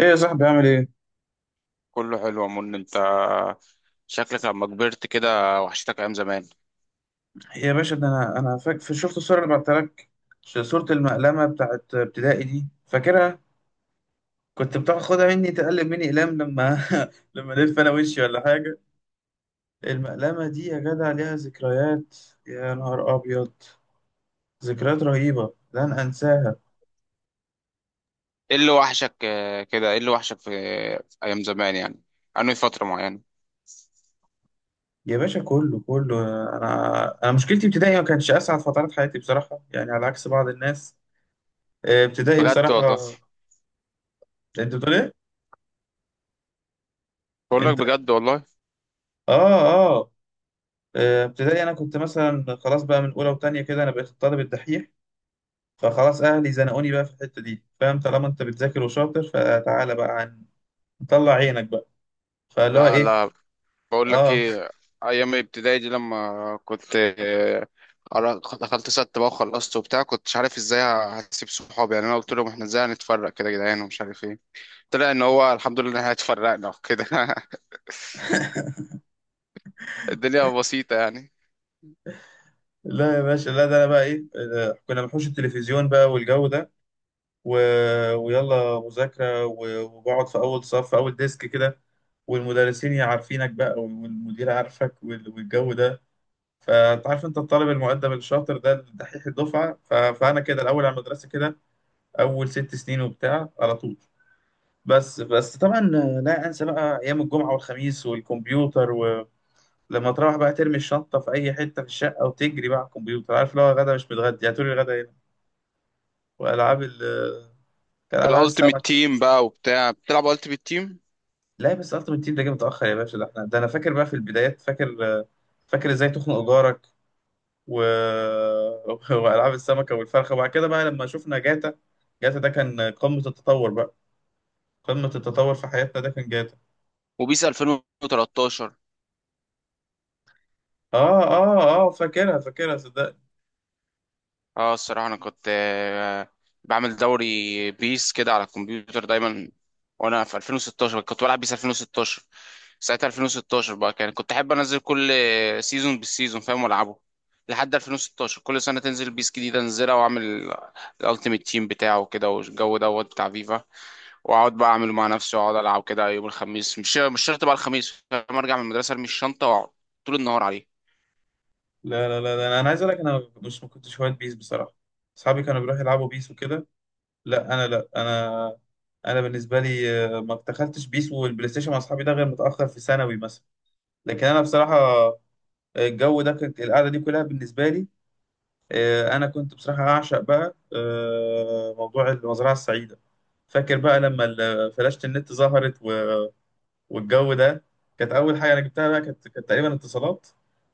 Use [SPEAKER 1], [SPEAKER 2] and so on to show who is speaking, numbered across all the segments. [SPEAKER 1] ايه يا صاحبي، عامل ايه؟
[SPEAKER 2] كله حلو يا من انت، شكلك لما كبرت كده. وحشتك ايام زمان.
[SPEAKER 1] يا باشا، ده انا شفت الصوره اللي بعتها لك. صوره المقلمه بتاعت ابتدائي دي، فاكرها؟ كنت بتاخدها مني، تقلب مني اقلام لما لما الف انا وشي ولا حاجه. المقلمه دي يا جدع ليها ذكريات. يا نهار ابيض! ذكريات رهيبه لن انساها.
[SPEAKER 2] ايه اللي وحشك آه، كده ايه اللي وحشك في ايام زمان يعني؟ انهي فترة معينة؟
[SPEAKER 1] يا باشا، كله كله. انا مشكلتي ابتدائي ما كانتش اسعد فترات حياتي بصراحه، يعني على عكس بعض الناس. آه، ابتدائي
[SPEAKER 2] بجد
[SPEAKER 1] بصراحه.
[SPEAKER 2] والله.
[SPEAKER 1] انت بتقول ايه؟
[SPEAKER 2] بقول
[SPEAKER 1] انت.
[SPEAKER 2] لك بجد والله.
[SPEAKER 1] اه اه. آه، ابتدائي انا كنت مثلا خلاص بقى من اولى وتانية كده، انا بقيت الطالب الدحيح. فخلاص اهلي زنقوني بقى في الحته دي، فاهم؟ طالما انت بتذاكر وشاطر، فتعالى بقى عن، طلع عينك بقى. فاللي هو
[SPEAKER 2] لا
[SPEAKER 1] ايه.
[SPEAKER 2] لا بقول لك
[SPEAKER 1] اه
[SPEAKER 2] ايه. ايام الابتدائي دي لما كنت دخلت ست بقى وخلصت وبتاع، كنتش عارف ازاي هسيب صحابي يعني. انا قلت لهم احنا ازاي هنتفرق كده يا جدعان ومش عارف ايه. طلع ان هو الحمد لله ان احنا اتفرقنا وكده الدنيا بسيطة يعني.
[SPEAKER 1] لا يا باشا لا، ده انا بقى ايه، آه، كنا بنحوش التلفزيون بقى والجو ده، و... ويلا مذاكره و... وبقعد في اول صف، في اول ديسك كده. والمدرسين يا عارفينك بقى، والمدير عارفك، والجو ده. فانت عارف انت الطالب المؤدب الشاطر ده، الدحيح الدفعه، فانا كده الاول على المدرسه كده، اول ست سنين وبتاع على طول. بس طبعا لا انسى بقى ايام الجمعه والخميس والكمبيوتر، ولما تروح بقى ترمي الشنطه في اي حته في الشقه، وتجري بقى على الكمبيوتر. عارف، لو غدا مش متغدي هاتولي الغدا هنا. والعاب ال، كان العاب السمك.
[SPEAKER 2] الالتيميت تيم بقى وبتاع، بتلعب التيميت تيم
[SPEAKER 1] لا بس التيمت تيم ده جه متاخر يا باشا، ده احنا، ده انا فاكر بقى في البدايات، فاكر. فاكر ازاي تخنق جارك و... والعاب السمكه والفرخه، وبعد كده بقى لما شفنا جاتا. جاتا ده كان قمه التطور بقى، قمه التطور في حياتنا، ده كان.
[SPEAKER 2] وبيس 2013.
[SPEAKER 1] اه اه اه، فاكرها فاكرها صدق.
[SPEAKER 2] اه الصراحه انا كنت بعمل دوري بيس كده على الكمبيوتر دايما. وانا في 2016 كنت بلعب بيس 2016. ساعتها 2016 بقى كان كنت احب انزل كل سيزون بالسيزون فاهم والعبه. لحد 2016 كل سنه تنزل بيس جديده انزلها واعمل الالتيميت تيم بتاعه كده والجو دوت بتاع فيفا. واقعد بقى اعمله مع نفسي واقعد العب كده يوم الخميس. مش شرط بقى الخميس، لما ارجع من المدرسه ارمي الشنطه واقعد طول النهار عليه.
[SPEAKER 1] لا لا لا لا، انا عايز اقول لك انا مش، ما كنتش هواة بيس بصراحه. اصحابي كانوا بيروحوا يلعبوا بيس وكده. لا انا. انا بالنسبه لي، آه، ما دخلتش بيس والبلاي ستيشن مع اصحابي ده غير متاخر في ثانوي مثلا. لكن انا بصراحه، آه، الجو ده كانت القعده دي كلها بالنسبه لي، آه، انا كنت بصراحه اعشق بقى، آه، موضوع المزرعه السعيده. فاكر بقى لما فلاشة النت ظهرت والجو ده. كانت اول حاجه انا جبتها بقى، كانت تقريبا اتصالات.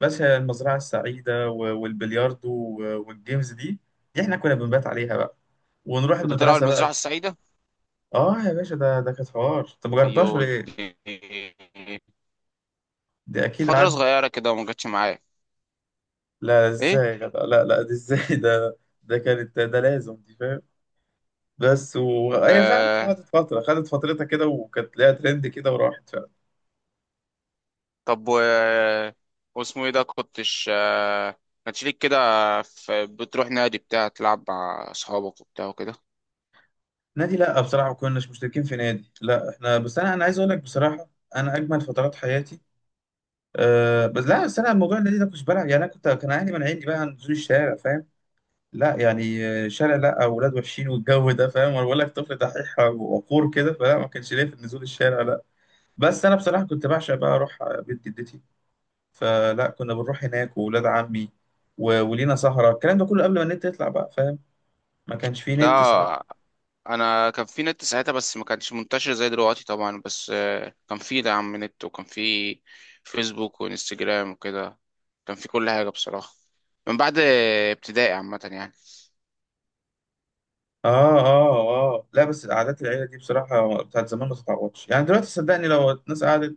[SPEAKER 1] بس هي المزرعه السعيده والبلياردو والجيمز دي. دي احنا كنا بنبات عليها بقى، ونروح
[SPEAKER 2] كنت بتلعب
[SPEAKER 1] المدرسه
[SPEAKER 2] المزرعه
[SPEAKER 1] بقى.
[SPEAKER 2] السعيده؟
[SPEAKER 1] اه يا باشا، ده كانت حوار. انت ما جربتهاش ولا
[SPEAKER 2] ايوه
[SPEAKER 1] ايه؟
[SPEAKER 2] دي
[SPEAKER 1] دي اكيد
[SPEAKER 2] فتره
[SPEAKER 1] عدت.
[SPEAKER 2] صغيره كده وما جاتش معايا.
[SPEAKER 1] لا
[SPEAKER 2] ايه؟
[SPEAKER 1] ازاي؟ لا لا, لا دي ازاي؟ ده، ده كانت ده لازم دي، فاهم؟ بس وهي فعلا
[SPEAKER 2] آه.
[SPEAKER 1] خدت فتره، خدت فترتها كده، وكانت ليها ترند كده، وراحت فعلا.
[SPEAKER 2] طب و واسمه ايه ده، كنتش كانش ليك كده بتروح نادي بتاع تلعب مع اصحابك وبتاع وكده؟
[SPEAKER 1] نادي؟ لا بصراحه، ما كناش مشتركين في نادي، لا احنا بس، انا عايز اقول لك بصراحه انا اجمل فترات حياتي. أه بس لا، بس انا الموضوع النادي ده كنتش بلعب يعني، انا كنت، كان اهلي مانعيني بقى عن نزول الشارع، فاهم؟ لا يعني، آه، شارع لا، اولاد وحشين والجو ده، فاهم؟ وانا بقول لك طفل دحيح وقور كده، فلا ما كانش ليا في نزول الشارع، لا. بس انا بصراحه كنت بعشق بقى اروح بيت جدتي، فلا كنا بنروح هناك، واولاد عمي، ولينا سهره، الكلام ده كله قبل ما النت يطلع بقى، فاهم؟ ما كانش فيه نت ساعتها.
[SPEAKER 2] ده انا كان في نت ساعتها بس ما كانش منتشر زي دلوقتي طبعا، بس كان في دعم من نت، وكان في فيسبوك وانستجرام وكده. كان في كل حاجة بصراحة من بعد ابتدائي عامة يعني.
[SPEAKER 1] اه اه اه، لا بس قعدات العيله دي بصراحه بتاعت زمان ما تتعوضش. يعني دلوقتي صدقني، لو الناس قعدت،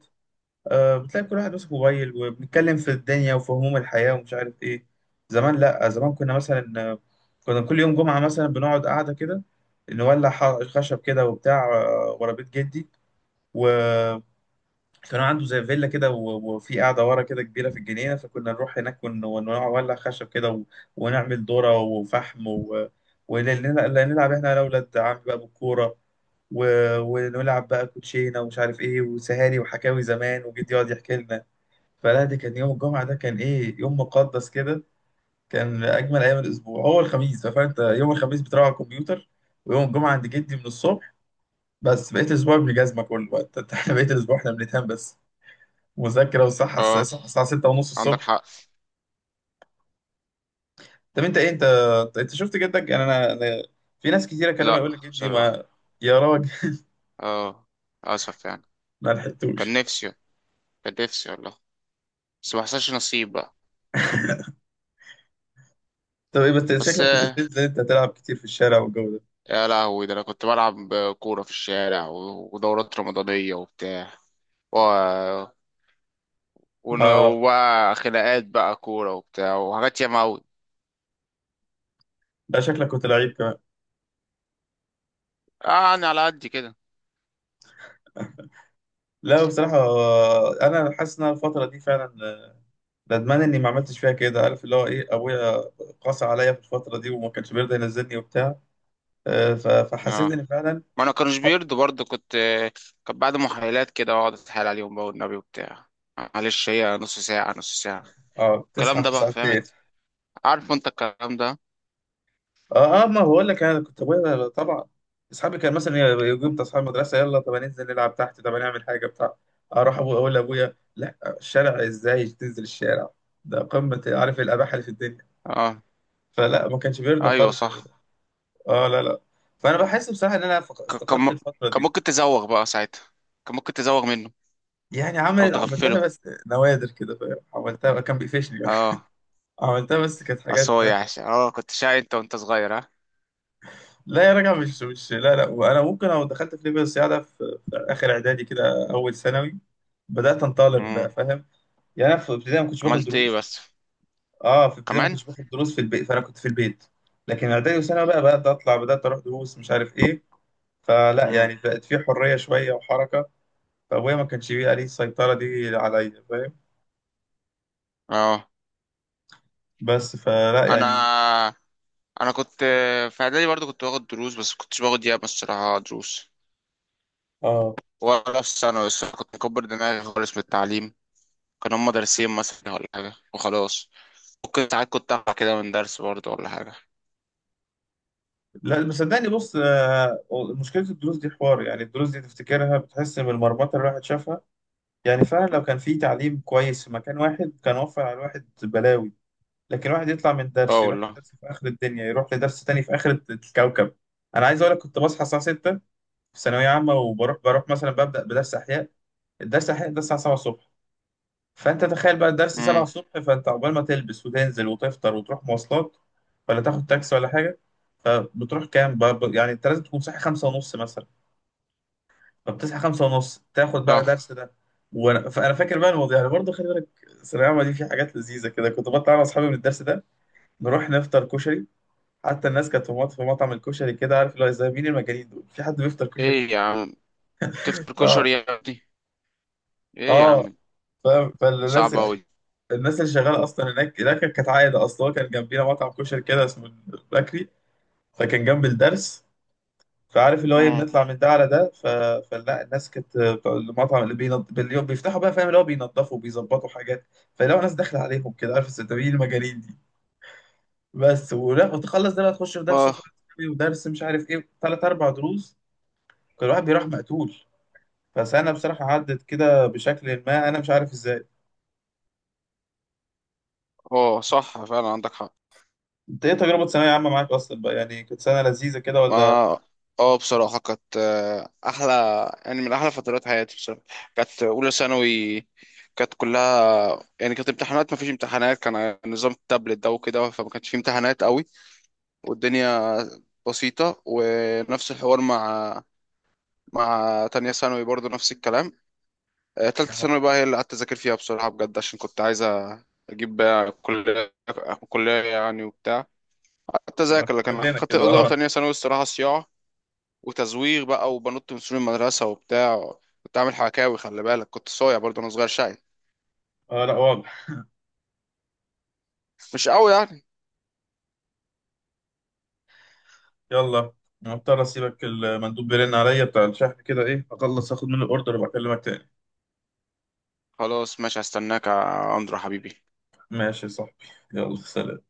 [SPEAKER 1] آه، بتلاقي كل واحد ماسك موبايل، وبنتكلم في الدنيا وفي هموم الحياة ومش عارف إيه. زمان لأ، زمان كنا مثلا، آه، كنا كل يوم جمعة مثلا بنقعد قاعدة كده، نولع خشب كده وبتاع، آه، ورا بيت جدي. وكانوا عنده زي فيلا كده، وفي قاعدة ورا كده كبيرة في الجنينة، فكنا نروح هناك ونولع خشب كده و... ونعمل ذرة وفحم و... ونلعب إحنا، أنا وأولاد عمي بقى، بالكورة و... ونلعب بقى كوتشينة ومش عارف إيه، وسهاري وحكاوي زمان وجدي يقعد يحكي لنا. فلا دي كان يوم الجمعة ده كان إيه، يوم مقدس كده. كان أجمل أيام الأسبوع هو الخميس، فأنت يوم الخميس بتروح على الكمبيوتر، ويوم الجمعة عند جدي من الصبح. بس بقيت الأسبوع ابن جزمة كله بقى إحنا بقيت الأسبوع إحنا بنتهان بس مذاكرة، والصحة
[SPEAKER 2] اه
[SPEAKER 1] الصحة الساعة 6 ونص
[SPEAKER 2] عندك
[SPEAKER 1] الصبح.
[SPEAKER 2] حق.
[SPEAKER 1] طب أنت إيه، أنت شفت جدك؟ يعني أنا في ناس كتير أكلمها
[SPEAKER 2] لا
[SPEAKER 1] يقول لك جدي
[SPEAKER 2] بصراحة.
[SPEAKER 1] ما، يا راجل.
[SPEAKER 2] اه اسف يعني.
[SPEAKER 1] ما
[SPEAKER 2] كان
[SPEAKER 1] لحقتوش.
[SPEAKER 2] نفسي، كان نفسي والله، بس ما حصلش نصيب بقى.
[SPEAKER 1] طب إيه بس،
[SPEAKER 2] بس
[SPEAKER 1] شكلك كنت بتنزل أنت تلعب كتير في الشارع والجو ده.
[SPEAKER 2] يا لهوي ده انا كنت بلعب كورة في الشارع، و- ودورات رمضانية وبتاع، و...
[SPEAKER 1] آه.
[SPEAKER 2] وبقى خناقات بقى كورة وبتاع وحاجات ياما أوي.
[SPEAKER 1] لا شكلك كنت لعيب كمان.
[SPEAKER 2] اه يعني على قد كده.
[SPEAKER 1] لا بصراحة، آه، أنا حاسس إن أنا الفترة دي فعلا ندمان اني ما عملتش فيها كده. عارف اللي هو ايه، ابويا قاسى عليا في الفتره دي وما كانش بيرضى ينزلني وبتاع، آه، فحسيت
[SPEAKER 2] اه
[SPEAKER 1] ان فعلا
[SPEAKER 2] ما انا كانوش
[SPEAKER 1] اصحابي.
[SPEAKER 2] بيرضوا برضه، كنت كان بعد محايلات كده اقعد اتحايل عليهم بقى والنبي وبتاع. معلش هي نص ساعة نص ساعة،
[SPEAKER 1] اه
[SPEAKER 2] الكلام
[SPEAKER 1] بتصحى
[SPEAKER 2] ده
[SPEAKER 1] في
[SPEAKER 2] بقى
[SPEAKER 1] ساعتين.
[SPEAKER 2] فهمت، عارف انت الكلام ده.
[SPEAKER 1] اه اه، ما بقول لك انا كنت ابويا طبعا. اصحابي كان مثلا يجيب اصحاب المدرسه، يلا طب هننزل نلعب تحت، طب هنعمل حاجه بتاع. اروح ابويا اقول لابويا، لا الشارع، ازاي تنزل الشارع؟ ده قمه، عارف، الاباحه اللي في الدنيا.
[SPEAKER 2] اه
[SPEAKER 1] فلا ما كانش بيرضى
[SPEAKER 2] ايوه
[SPEAKER 1] خالص.
[SPEAKER 2] صح.
[SPEAKER 1] اه لا لا. فانا بحس بصراحه ان انا
[SPEAKER 2] ك- كان
[SPEAKER 1] افتقدت
[SPEAKER 2] م-
[SPEAKER 1] الفتره
[SPEAKER 2] كان
[SPEAKER 1] دي.
[SPEAKER 2] ممكن تزوغ بقى ساعتها، كان ممكن تزوغ منه
[SPEAKER 1] يعني
[SPEAKER 2] او
[SPEAKER 1] عملت
[SPEAKER 2] تغفله.
[SPEAKER 1] عملتها بس نوادر كده، فاهم؟ عملتها كان بيقفشني.
[SPEAKER 2] اه
[SPEAKER 1] عملتها بس كانت حاجات
[SPEAKER 2] اصل هو يعني،
[SPEAKER 1] نادرة.
[SPEAKER 2] اه كنت شقي انت وانت صغير، ها؟
[SPEAKER 1] لا يا راجل، مش لا لا. وانا ممكن لو دخلت في ليفل الصياعة ده في, في اخر اعدادي كده، اول ثانوي، بدات انطلق بقى،
[SPEAKER 2] امم.
[SPEAKER 1] فاهم؟ يعني انا في ابتدائي ما كنتش باخد
[SPEAKER 2] عملت ايه
[SPEAKER 1] دروس.
[SPEAKER 2] بس؟
[SPEAKER 1] اه في ابتدائي ما
[SPEAKER 2] كمان؟
[SPEAKER 1] كنتش باخد دروس في البيت، فانا كنت في البيت. لكن اعدادي وثانوي بقى بدات اطلع، بدات اروح دروس مش عارف ايه. فلا
[SPEAKER 2] امم.
[SPEAKER 1] يعني بقت في حريه شويه وحركه. فابويا ما كانش بيبقى ليه السيطره دي عليا، فاهم؟
[SPEAKER 2] اه
[SPEAKER 1] بس فلا يعني.
[SPEAKER 2] انا كنت في اعدادي برضه كنت باخد دروس، بس كنتش باخد ياما الصراحة دروس،
[SPEAKER 1] اه
[SPEAKER 2] ولا في ثانوي. بس كنت مكبر دماغي خالص من التعليم. كان هما درسين مثلا ولا حاجة وخلاص. ممكن ساعات كنت أقع كده من درس برضه ولا حاجة.
[SPEAKER 1] لا مصدقني، بص، آه، مشكلة الدروس دي حوار. يعني الدروس دي تفتكرها بتحس من المرمطة اللي الواحد شافها، يعني فعلا لو كان في تعليم كويس في مكان واحد كان وفر على الواحد بلاوي. لكن الواحد يطلع من درس
[SPEAKER 2] اه
[SPEAKER 1] يروح
[SPEAKER 2] والله.
[SPEAKER 1] لدرس في آخر الدنيا، يروح لدرس تاني في آخر الكوكب. أنا عايز أقول لك كنت بصحى الساعة 6 في ثانوية عامة، وبروح، بروح مثلا ببدأ بدرس أحياء. الدرس أحياء ده الساعة 7 الصبح، فانت تخيل بقى الدرس 7
[SPEAKER 2] امم.
[SPEAKER 1] الصبح، فانت عقبال ما تلبس وتنزل وتفطر وتروح مواصلات، ولا تاخد تاكسي ولا حاجه. فبتروح كام بقى، ب-، يعني انت لازم تكون صاحي خمسة ونص مثلا. فبتصحى خمسة ونص تاخد بقى
[SPEAKER 2] صح.
[SPEAKER 1] درس ده. وانا، فانا فاكر بقى الموضوع يعني برضه. خلي بالك الثانويه العامه دي في حاجات لذيذه كده، كنت بطلع انا واصحابي من الدرس ده، نروح نفطر كشري. حتى الناس كانت في في مطعم الكشري كده، عارف اللي هو زي مين، المجانين دول في حد بيفطر كشري؟
[SPEAKER 2] ايه يا عم، تفطر
[SPEAKER 1] اه
[SPEAKER 2] كشري يا ابني؟ ايه يا
[SPEAKER 1] اه،
[SPEAKER 2] عم.
[SPEAKER 1] فاهم؟ فالناس،
[SPEAKER 2] صعب أوي.
[SPEAKER 1] الناس اللي شغاله اصلا هناك كانت عايده اصلا. هو كان جنبينا مطعم كشري كده اسمه بكري، فكان جنب الدرس. فعارف اللي هو ايه،
[SPEAKER 2] امم.
[SPEAKER 1] بنطلع من ده على ده، ف... فلا الناس كانت بتوع المطعم اللي باليوم بيفتحوا بقى، فاهم؟ اللي هو بينضفوا وبيظبطوا حاجات. فلو ناس داخله عليهم كده، عارف الستاويين المجانين دي. بس، ولا وتخلص ده، لا تخش في درس
[SPEAKER 2] اه
[SPEAKER 1] فرنسي ودرس مش عارف ايه، ثلاث اربع دروس. كل واحد بيروح مقتول. فسنه بصراحه عدت كده بشكل، ما انا مش عارف ازاي.
[SPEAKER 2] اه صح فعلا عندك حق.
[SPEAKER 1] انت ايه، تجربه ثانويه عامه معاك اصلا بقى، يعني كانت سنه لذيذه كده
[SPEAKER 2] ما
[SPEAKER 1] ولا؟
[SPEAKER 2] اه بصراحة كانت أحلى، يعني من أحلى فترات حياتي بصراحة. كانت أولى ثانوي كانت كلها يعني، كانت امتحانات ما فيش امتحانات، كان نظام التابلت ده وكده، فما كانش فيه امتحانات قوي. والدنيا بسيطة. ونفس الحوار مع مع تانية ثانوي برضو نفس الكلام. تالتة ثانوي بقى هي اللي قعدت أذاكر فيها بصراحة بجد، عشان كنت عايز أجيب بقى كلية، كلية يعني وبتاع. قعدت
[SPEAKER 1] ما
[SPEAKER 2] أذاكر، لكن
[SPEAKER 1] كلنا
[SPEAKER 2] أخدت
[SPEAKER 1] كده.
[SPEAKER 2] أولى
[SPEAKER 1] اه
[SPEAKER 2] وتانية ثانوي الصراحة صياعة وتزويغ بقى وبنط من سور المدرسة وبتاع. كنت عامل حكاوي، خلي بالك كنت صايع برضو أنا صغير، شقي
[SPEAKER 1] اه لا واضح.
[SPEAKER 2] مش قوي يعني.
[SPEAKER 1] يلا، أنا مضطر اسيبك، المندوب بيرن عليا بتاع الشحن كده، ايه اخلص اخد منه الاوردر وبكلمك تاني.
[SPEAKER 2] خلاص ماشي، هستناك يا أندرو حبيبي.
[SPEAKER 1] ماشي يا صاحبي، يلا سلام.